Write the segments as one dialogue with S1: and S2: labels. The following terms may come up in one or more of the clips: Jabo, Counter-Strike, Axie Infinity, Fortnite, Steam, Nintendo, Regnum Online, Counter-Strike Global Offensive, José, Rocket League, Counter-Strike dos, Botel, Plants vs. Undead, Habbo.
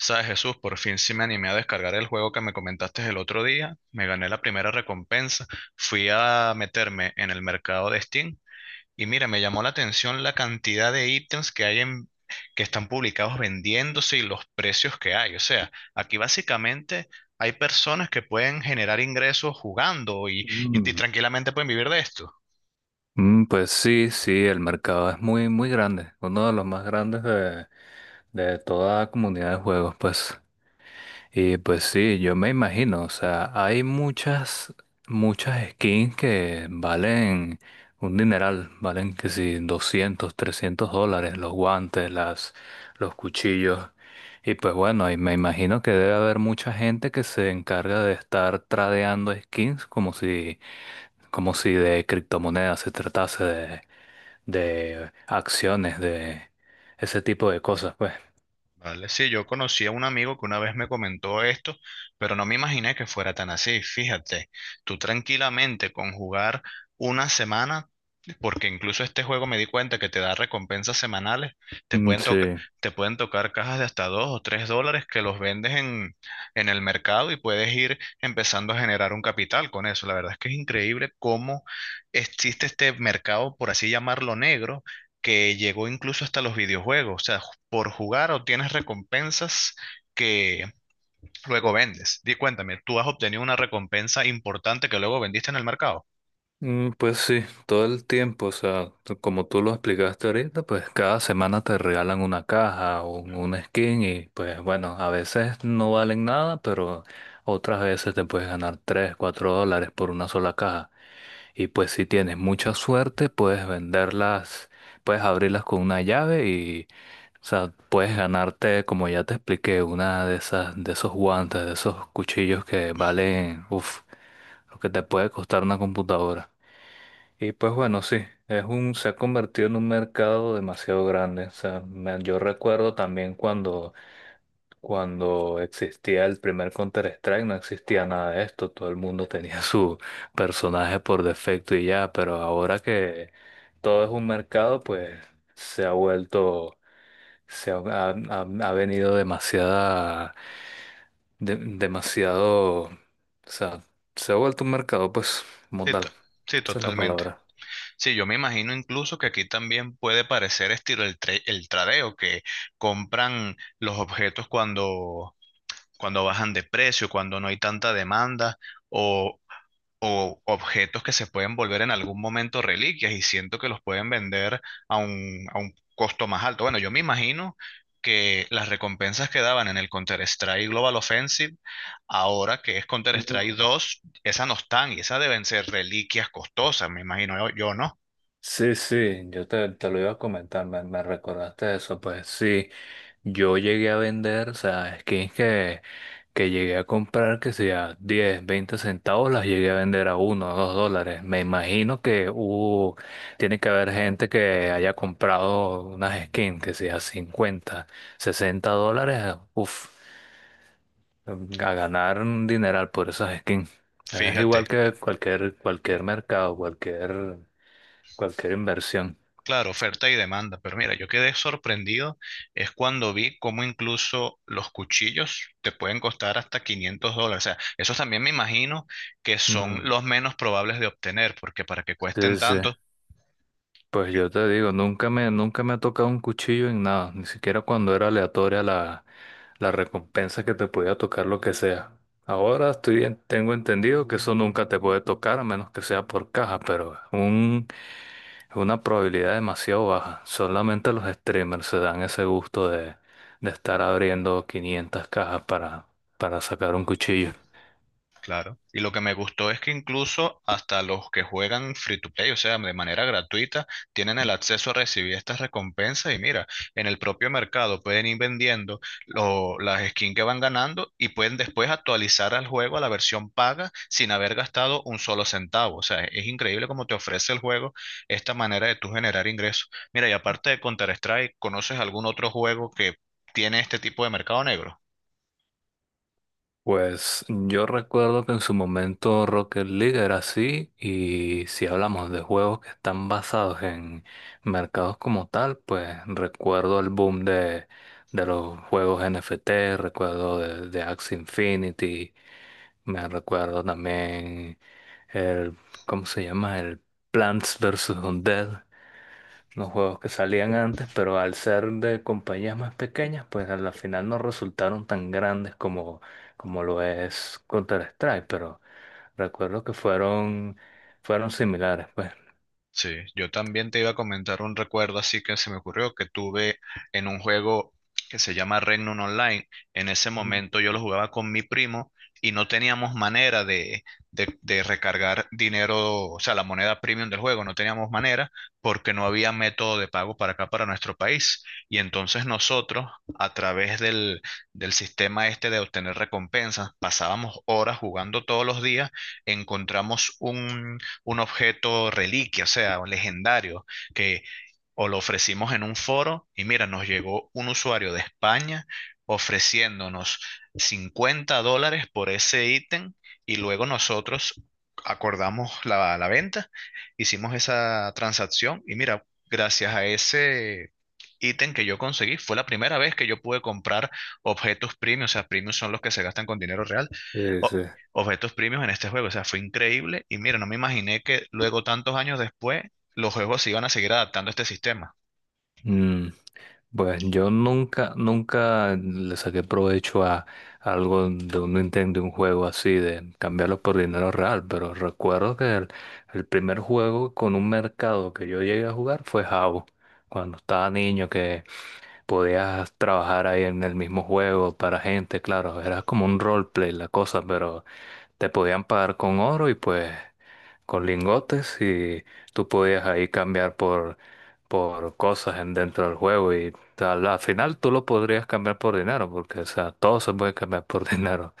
S1: Sabes, Jesús, por fin sí me animé a descargar el juego que me comentaste el otro día. Me gané la primera recompensa. Fui a meterme en el mercado de Steam y mira, me llamó la atención la cantidad de ítems que hay que están publicados vendiéndose y los precios que hay. O sea, aquí básicamente hay personas que pueden generar ingresos jugando y
S2: Mm,
S1: tranquilamente pueden vivir de esto.
S2: mm. Pues sí, sí, el mercado es muy, muy grande, uno de los más grandes de toda comunidad de juegos, pues. Y pues sí, yo me imagino, o sea, hay muchas, muchas skins que valen un dineral, valen que si $200 $300, los guantes, las, los cuchillos. Y pues bueno, y me imagino que debe haber mucha gente que se encarga de estar tradeando skins como si de criptomonedas se tratase de acciones, de ese tipo de cosas, pues.
S1: Vale, sí, yo conocí a un amigo que una vez me comentó esto, pero no me imaginé que fuera tan así. Fíjate, tú tranquilamente con jugar una semana porque incluso este juego me di cuenta que te da recompensas semanales. Te
S2: Mm,
S1: pueden toca-
S2: sí.
S1: Te pueden tocar cajas de hasta $2 o $3 que los vendes en el mercado y puedes ir empezando a generar un capital con eso. La verdad es que es increíble cómo existe este mercado, por así llamarlo, negro, que llegó incluso hasta los videojuegos. O sea, por jugar obtienes recompensas que luego vendes. Di cuéntame, ¿tú has obtenido una recompensa importante que luego vendiste en el mercado?
S2: Pues sí, todo el tiempo, o sea, como tú lo explicaste ahorita, pues cada semana te regalan una caja o un skin y pues bueno, a veces no valen nada, pero otras veces te puedes ganar $3 $4 por una sola caja. Y pues si tienes mucha suerte, puedes venderlas, puedes abrirlas con una llave y, o sea, puedes ganarte, como ya te expliqué, una de esas, de esos guantes, de esos cuchillos que valen, uff, lo que te puede costar una computadora. Y pues bueno, sí, se ha convertido en un mercado demasiado grande. O sea, yo recuerdo también cuando existía el primer Counter-Strike, no existía nada de esto, todo el mundo tenía su personaje por defecto y ya, pero ahora que todo es un mercado, pues se ha vuelto, se ha venido demasiada, demasiado, o sea, se ha vuelto un mercado, pues, como
S1: Sí, to-
S2: tal,
S1: sí,
S2: esa es la
S1: totalmente.
S2: palabra.
S1: Sí, yo me imagino incluso que aquí también puede parecer estilo el tradeo, que compran los objetos cuando bajan de precio, cuando no hay tanta demanda, o, o objetos que se pueden volver en algún momento reliquias y siento que los pueden vender a un costo más alto. Bueno, yo me imagino que las recompensas que daban en el Counter-Strike Global Offensive, ahora que es Counter-Strike dos, esas no están y esas deben ser reliquias costosas, me imagino yo, ¿no?
S2: Sí, sí, yo te lo iba a comentar, me recordaste eso, pues sí, yo llegué a vender, o sea, skins que llegué a comprar, que sea 10, 20 centavos, las llegué a vender a 1, o $2. Me imagino que hubo, tiene que haber gente que haya comprado unas skins, que sea $50 $60, uff, a ganar un dineral por esas skins. Es
S1: Fíjate,
S2: igual que cualquier mercado, cualquier inversión.
S1: claro, oferta y demanda, pero mira, yo quedé sorprendido es cuando vi cómo incluso los cuchillos te pueden costar hasta $500. O sea, esos también me imagino que son
S2: Mm.
S1: los menos probables de obtener, porque para que
S2: Sí,
S1: cuesten
S2: sí.
S1: tanto,
S2: Pues yo te digo, nunca me ha tocado un cuchillo en nada, ni siquiera cuando era aleatoria la recompensa que te podía tocar lo que sea. Ahora estoy, tengo entendido que eso nunca te puede tocar a menos que sea por caja, pero es una probabilidad demasiado baja. Solamente los streamers se dan ese gusto de, estar abriendo 500 cajas para sacar un cuchillo.
S1: claro. Y lo que me gustó es que incluso hasta los que juegan free to play, o sea, de manera gratuita, tienen el acceso a recibir estas recompensas y mira, en el propio mercado pueden ir vendiendo las skins que van ganando y pueden después actualizar al juego a la versión paga sin haber gastado un solo centavo. O sea, es increíble cómo te ofrece el juego esta manera de tú generar ingresos. Mira, y aparte de Counter-Strike, ¿conoces algún otro juego que tiene este tipo de mercado negro?
S2: Pues yo recuerdo que en su momento Rocket League era así y si hablamos de juegos que están basados en mercados como tal, pues recuerdo el boom de los juegos NFT, recuerdo de Axie Infinity, me recuerdo también el, ¿cómo se llama? El Plants vs. Undead los juegos que salían antes, pero al ser de compañías más pequeñas, pues a la final no resultaron tan grandes como lo es Counter-Strike, pero recuerdo que fueron similares, pues.
S1: Sí, yo también te iba a comentar un recuerdo así que se me ocurrió que tuve en un juego que se llama Regnum Online. En ese momento yo lo jugaba con mi primo y no teníamos manera de recargar dinero, o sea, la moneda premium del juego, no teníamos manera porque no había método de pago para acá, para nuestro país. Y entonces nosotros, a través del sistema este de obtener recompensas, pasábamos horas jugando todos los días, encontramos un objeto reliquia, o sea, un legendario, que o lo ofrecimos en un foro y mira, nos llegó un usuario de España ofreciéndonos $50 por ese ítem y luego nosotros acordamos la venta, hicimos esa transacción y mira, gracias a ese ítem que yo conseguí, fue la primera vez que yo pude comprar objetos premium, o sea, premium son los que se gastan con dinero real.
S2: Sí, sí.
S1: o- Objetos premium en este juego, o sea, fue increíble y mira, no me imaginé que luego tantos años después los juegos se iban a seguir adaptando a este sistema.
S2: Mm, pues yo nunca le saqué provecho a algo de un Nintendo, de un juego así, de cambiarlo por dinero real, pero recuerdo que el primer juego con un mercado que yo llegué a jugar fue Habbo, cuando estaba niño. Podías trabajar ahí en el mismo juego para gente, claro, era como un roleplay la cosa, pero te podían pagar con oro y pues con lingotes y tú podías ahí cambiar por cosas en dentro del juego y tal. Al final tú lo podrías cambiar por dinero, porque o sea, todo se puede cambiar por dinero.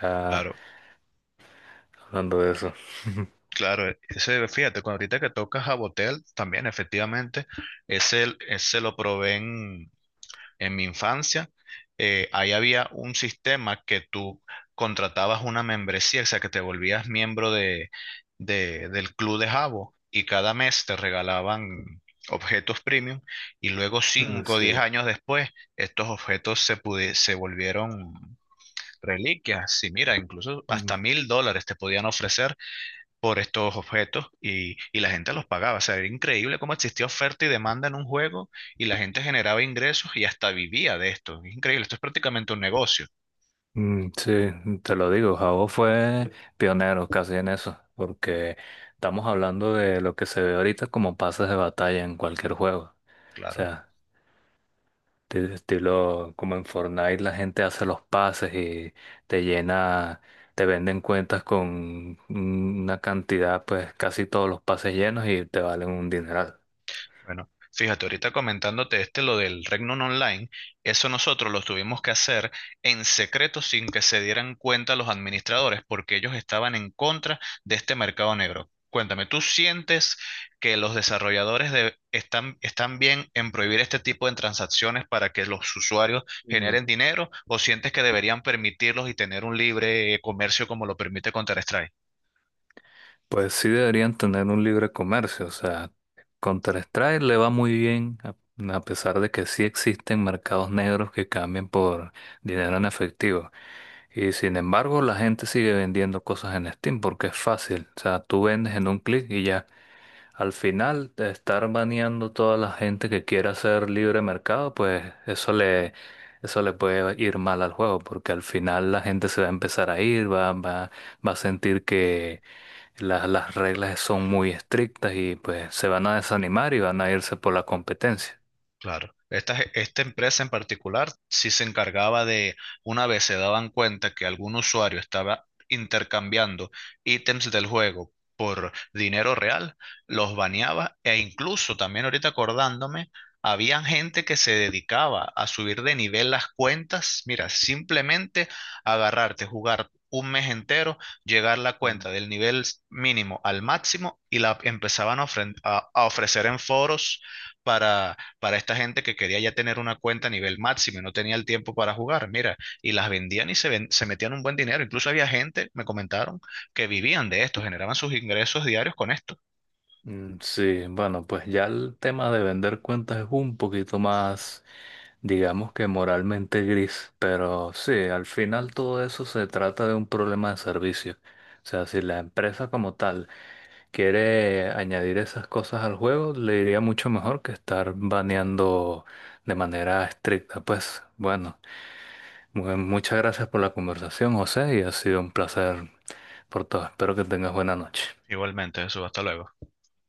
S2: Ya
S1: Claro,
S2: hablando de eso.
S1: claro. Ese, fíjate, cuando ahorita que tocas a Botel, también efectivamente, ese lo probé en mi infancia. Ahí había un sistema que tú contratabas una membresía, o sea, que te volvías miembro del club de Jabo y cada mes te regalaban objetos premium y luego
S2: Ah,
S1: cinco o
S2: sí.
S1: 10 años después estos objetos se volvieron reliquias, sí, mira, incluso hasta $1000 te podían ofrecer por estos objetos y la gente los pagaba. O sea, era increíble cómo existía oferta y demanda en un juego y la gente generaba ingresos y hasta vivía de esto. Es increíble, esto es prácticamente un negocio,
S2: Sí, te lo digo, Jabo fue pionero casi en eso, porque estamos hablando de lo que se ve ahorita como pases de batalla en cualquier juego. O
S1: claro.
S2: sea, estilo como en Fortnite la gente hace los pases y te llena, te venden cuentas con una cantidad, pues casi todos los pases llenos y te valen un dineral.
S1: Bueno, fíjate, ahorita comentándote este lo del Regnum Online, eso nosotros lo tuvimos que hacer en secreto sin que se dieran cuenta los administradores, porque ellos estaban en contra de este mercado negro. Cuéntame, ¿tú sientes que los desarrolladores están bien en prohibir este tipo de transacciones para que los usuarios generen dinero o sientes que deberían permitirlos y tener un libre comercio como lo permite Counter-Strike?
S2: Pues sí deberían tener un libre comercio, o sea, Counter-Strike le va muy bien, a pesar de que sí existen mercados negros que cambian por dinero en efectivo. Y sin embargo, la gente sigue vendiendo cosas en Steam porque es fácil, o sea, tú vendes en un clic y ya. Al final, de estar baneando toda la gente que quiera hacer libre mercado, pues eso le puede ir mal al juego, porque al final la gente se va a empezar a ir, va a sentir que las reglas son muy estrictas y pues se van a desanimar y van a irse por la competencia.
S1: Claro. Esta, esta empresa en particular sí se encargaba de, una vez se daban cuenta que algún usuario estaba intercambiando ítems del juego por dinero real, los baneaba e incluso también ahorita acordándome, habían gente que se dedicaba a subir de nivel las cuentas. Mira, simplemente agarrarte, jugar un mes entero, llegar la
S2: Mm.
S1: cuenta del nivel mínimo al máximo y la empezaban a ofrecer en foros para esta gente que quería ya tener una cuenta a nivel máximo y no tenía el tiempo para jugar, mira, y las vendían y se metían un buen dinero. Incluso había gente, me comentaron, que vivían de esto, generaban sus ingresos diarios con esto.
S2: Sí, bueno, pues ya el tema de vender cuentas es un poquito más, digamos que moralmente gris, pero sí, al final todo eso se trata de un problema de servicio. O sea, si la empresa como tal quiere añadir esas cosas al juego, le iría mucho mejor que estar baneando de manera estricta. Pues bueno, muchas gracias por la conversación, José, y ha sido un placer por todo. Espero que tengas buena noche.
S1: Igualmente, eso, hasta luego.